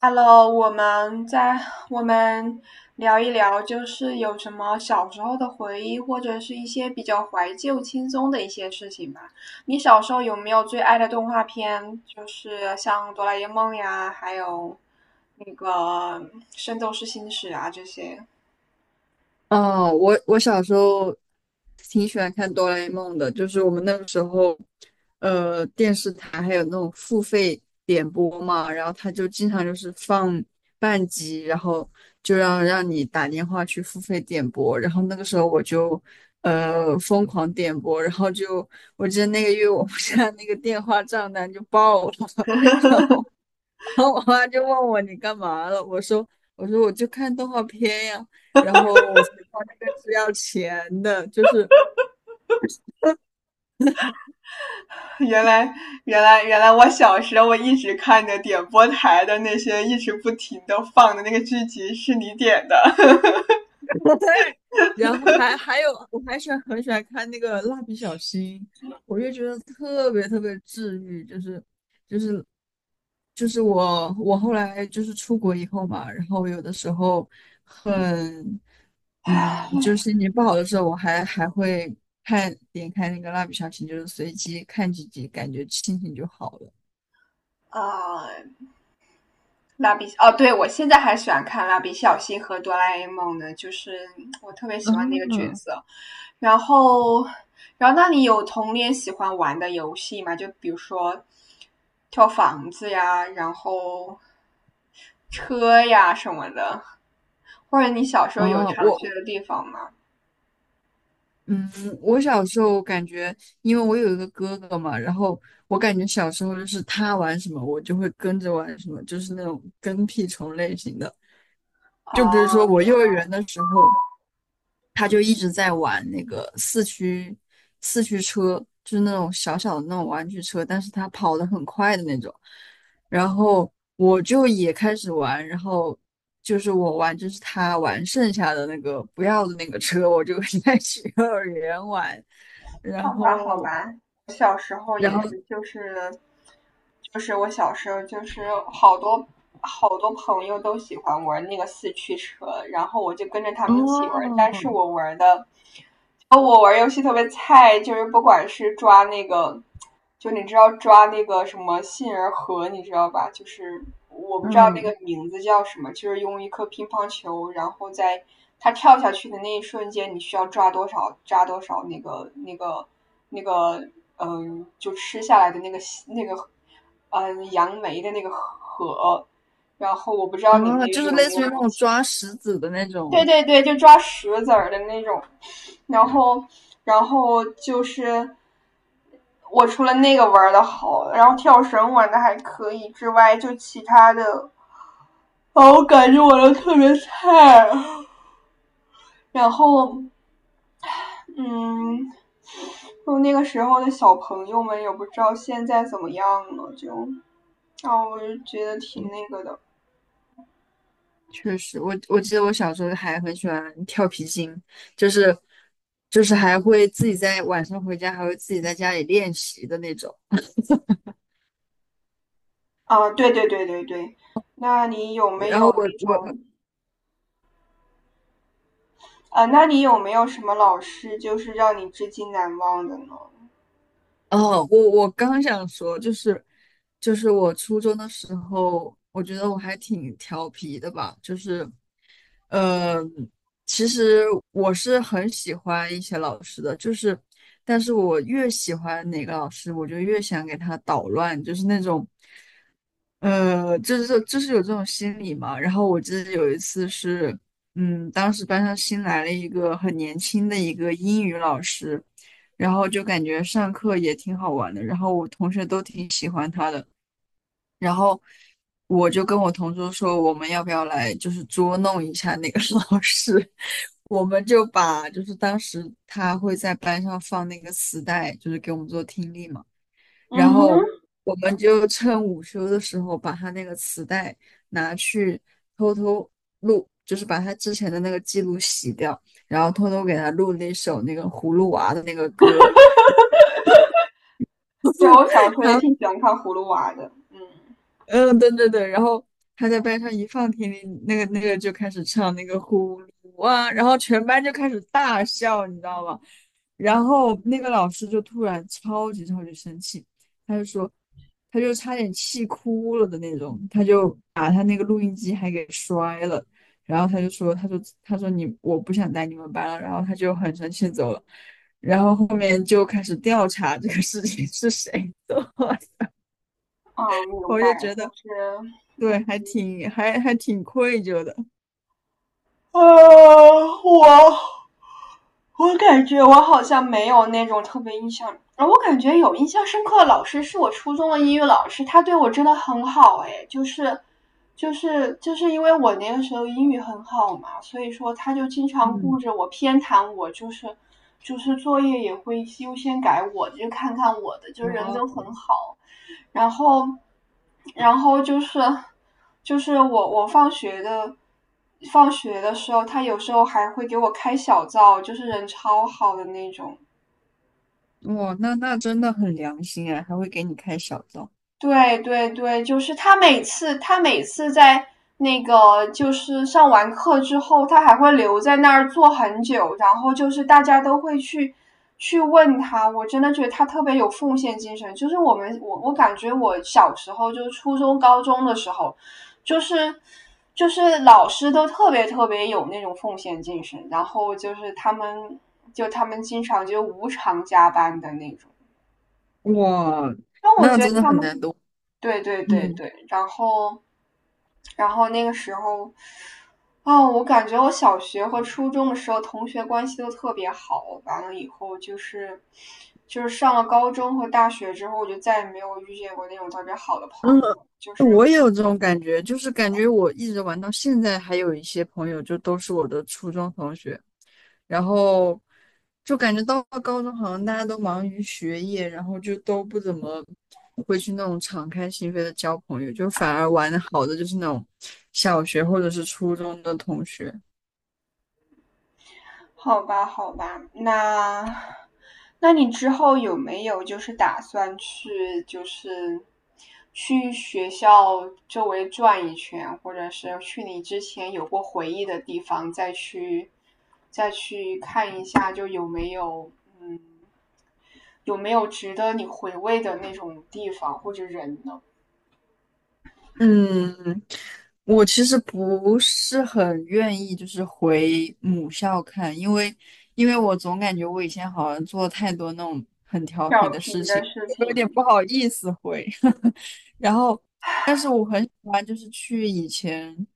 Hello，我们聊一聊，就是有什么小时候的回忆，或者是一些比较怀旧、轻松的一些事情吧。你小时候有没有最爱的动画片？就是像《哆啦 A 梦》呀，还有那个《圣斗士星矢》啊这些。哦，我小时候挺喜欢看哆啦 A 梦的，就是我们那个时候，电视台还有那种付费点播嘛，然后他就经常就是放半集，然后就让你打电话去付费点播，然后那个时候我就疯狂点播，然后就我记得那个月我们家那个电话账单就爆了，然后我妈就问我你干嘛了，我说我就看动画片呀，然后我才知道那个是要钱的，就是，原来，原来，原来，我小时候我一直看着点播台的那些一直不停的放的那个剧集是你点的。然后还有我还喜欢很喜欢看那个蜡笔小新，我就觉得特别特别治愈，就是我后来就是出国以后嘛，然后有的时候很就是心情不好的时候，我还会看点开那个蜡笔小新，就是随机看几集，感觉心情就好了。啊，蜡笔哦，对，我现在还喜欢看蜡笔小新和哆啦 A 梦呢，就是我特别喜欢那个角嗯。色。然后，然后，那你有童年喜欢玩的游戏吗？就比如说跳房子呀，然后车呀什么的，或者你小时候有哦，常去的地方吗？嗯，我小时候感觉，因为我有一个哥哥嘛，然后我感觉小时候就是他玩什么，我就会跟着玩什么，就是那种跟屁虫类型的。就比如说哦，我幼儿园的时候，他就一直在玩那个四驱车，就是那种小小的那种玩具车，但是他跑得很快的那种。然后我就也开始玩，然后就是我玩，就是他玩剩下的那个不要的那个车，我就 在幼儿园玩。然画画好后，玩，我小时候然也后是就是我小时候就是好多好多朋友都喜欢玩那个四驱车，然后我就跟着他们一起玩，但是哦，我玩游戏特别菜，就是不管是抓那个，就你知道抓那个什么杏仁核，你知道吧？就是我不知道那嗯，个名字叫什么，就是用一颗乒乓球，然后在它跳下去的那一瞬间，你需要抓多少抓多少那个，就吃下来的那个，杨梅的那个核。然后我不知道你们哦，那就边是有类没似有于那东种西。抓石子的那对种。对对，就抓石子儿的那种，然后然后就是我除了那个玩的好，然后跳绳玩的还可以之外，就其他的，啊，我感觉我都特别菜。然后嗯，就那个时候的小朋友们也不知道现在怎么样了，就啊，我就觉得挺那个的。确实，我记得我小时候还很喜欢跳皮筋，就是就是还会自己在晚上回家，还会自己在家里练习的那种。啊，对对对对对，那你有没然后有我那我种？啊，那你有没有什么老师就是让你至今难忘的呢？哦，我刚想说，就是我初中的时候，我觉得我还挺调皮的吧，就是呃，其实我是很喜欢一些老师的，就是但是我越喜欢哪个老师，我就越想给他捣乱，就是那种。就是有这种心理嘛。然后我记得有一次是，嗯，当时班上新来了一个很年轻的一个英语老师，然后就感觉上课也挺好玩的，然后我同学都挺喜欢他的，然后我就跟我同桌说，我们要不要来就是捉弄一下那个 老师。我们就把就是当时他会在班上放那个磁带，就是给我们做听力嘛。然嗯哼，后我们就趁午休的时候把他那个磁带拿去偷偷录，就是把他之前的那个记录洗掉，然后偷偷给他录那首那个葫芦娃的那个歌。对，我小时候也 挺喜欢看《葫芦娃》的。嗯，嗯，对对对，然后他在班上一放听力，那个就开始唱那个呼噜啊，然后全班就开始大笑，你知道吗？然后那个老师就突然超级超级生气，他就说，他就差点气哭了的那种，他就把他那个录音机还给摔了，然后他就说，他说你我不想带你们班了，然后他就很生气地走了，然后后面就开始调查这个事情是谁做的，啊，明我就白，觉就得。是对，嗯还挺愧疚的。啊，我感觉我好像没有那种特别印象啊，我感觉有印象深刻的老师是我初中的英语老师，他对我真的很好哎，就是，就是因为我那个时候英语很好嘛，所以说他就经常顾嗯。着我偏袒我，就是就是作业也会优先改我，就看看我的，就人哇。都很好，然后然后就是我放学的。放学的时候，他有时候还会给我开小灶，就是人超好的那种。哇，那那真的很良心哎，还会给你开小灶。对对对，就是他每次在那个就是上完课之后，他还会留在那儿坐很久，然后就是大家都会去问他，我真的觉得他特别有奉献精神。就是我们我感觉我小时候就是初中高中的时候，就是就是老师都特别特别有那种奉献精神，然后就是他们经常就无偿加班的那种，哇，让我那觉得真的他很们。难得。对对对嗯。对，然后，那个时候，啊，我感觉我小学和初中的时候同学关系都特别好，完了以后就是，就是上了高中和大学之后，我就再也没有遇见过那种特别好的嗯，朋友。我也有这种感觉，就是感觉我一直玩到现在，还有一些朋友就都是我的初中同学，然后就感觉到了高中好像大家都忙于学业，然后就都不怎么会去那种敞开心扉的交朋友，就反而玩的好的就是那种小学或者是初中的同学。好吧，好吧，那你之后有没有就是打算去就是去学校周围转一圈，或者是去你之前有过回忆的地方再去看一下，就嗯有没有值得你回味的那种地方或者人呢？嗯，我其实不是很愿意，就是回母校看，因为我总感觉我以前好像做了太多那种很调皮调的事皮的情，事 我有点情。不好意思回。然后，但是我很喜欢就是去以前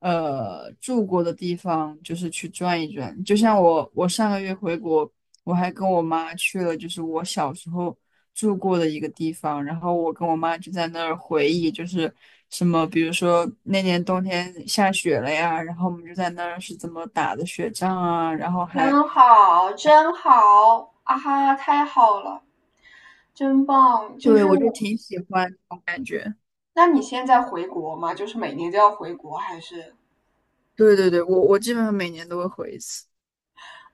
住过的地方，就是去转一转。就像我上个月回国，我还跟我妈去了，就是我小时候。住过的一个地方，然后我跟我妈就在那儿回忆，就是什么，比如说那年冬天下雪了呀，然后我们就在那儿是怎么打的雪仗啊，然后还，真好，真好，啊哈，太好了，真棒！就对，是我就我，挺喜欢这种感觉。那你现在回国吗？就是每年都要回国，还是对对对，我我基本上每年都会回一次。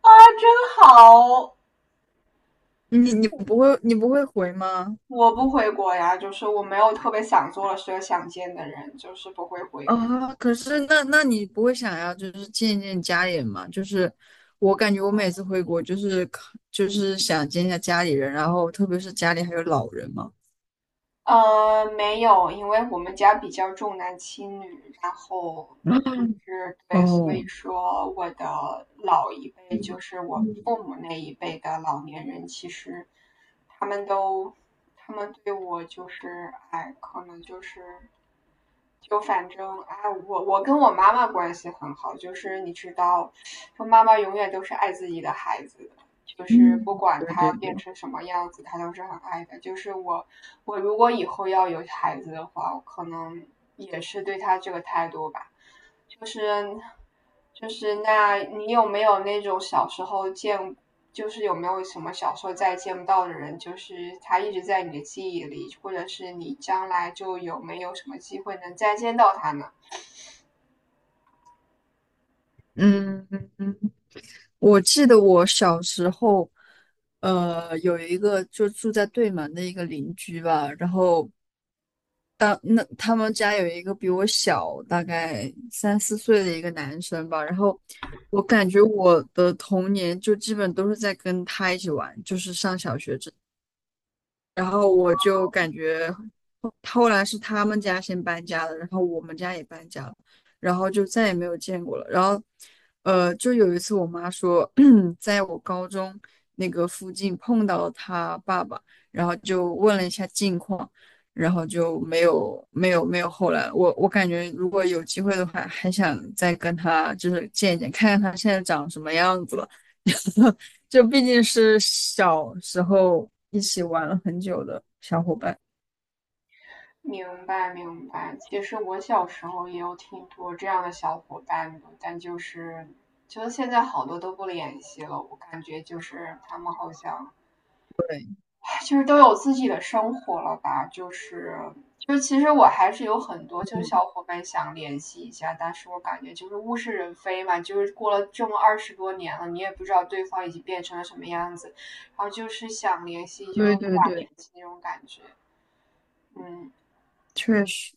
啊？真好，你不会回吗？我不回国呀，就是我没有特别想做的事、想见的人，就是不会回国。啊，可是那那你不会想要就是见见家里人吗？就是我感觉我每次回国就是想见一下家里人，然后特别是家里还有老人嘛。没有，因为我们家比较重男轻女，然后就 是对，所以哦，说我的老一辈，就嗯。是我嗯。父母那一辈的老年人，其实他们都，他们对我就是，哎，可能就是，就反正，哎，我跟我妈妈关系很好，就是你知道，我妈妈永远都是爱自己的孩子，就是嗯，不管对他对变对，成什么样子，他都是很爱的。就是我，我如果以后要有孩子的话，我可能也是对他这个态度吧。就是，就是，那你有没有那种小时候见，就是有没有什么小时候再见不到的人，就是他一直在你的记忆里，或者是你将来就有没有什么机会能再见到他呢？嗯，我记得我小时候，有一个就住在对门的一个邻居吧，然后当那他们家有一个比我小大概三四岁的一个男生吧，然后我感觉我的童年就基本都是在跟他一起玩，就是上小学这，然后我就感觉后来是他们家先搬家了，然后我们家也搬家了，然后就再也没有见过了。然后，就有一次我妈说，在我高中那个附近碰到了他爸爸，然后就问了一下近况，然后就没有后来。我我感觉如果有机会的话，还想再跟他就是见一见，看看他现在长什么样子了。就毕竟是小时候一起玩了很久的小伙伴。明白明白，其实我小时候也有挺多这样的小伙伴的，但就是现在好多都不联系了，我感觉就是他们好像 对。就是都有自己的生活了吧，就其实我还是有很多就是嗯。小伙伴想联系一下，但是我感觉就是物是人非嘛，就是过了这么20多年了，你也不知道对方已经变成了什么样子，然后就是想联系对就无对法联对，系那种感觉，嗯。确实。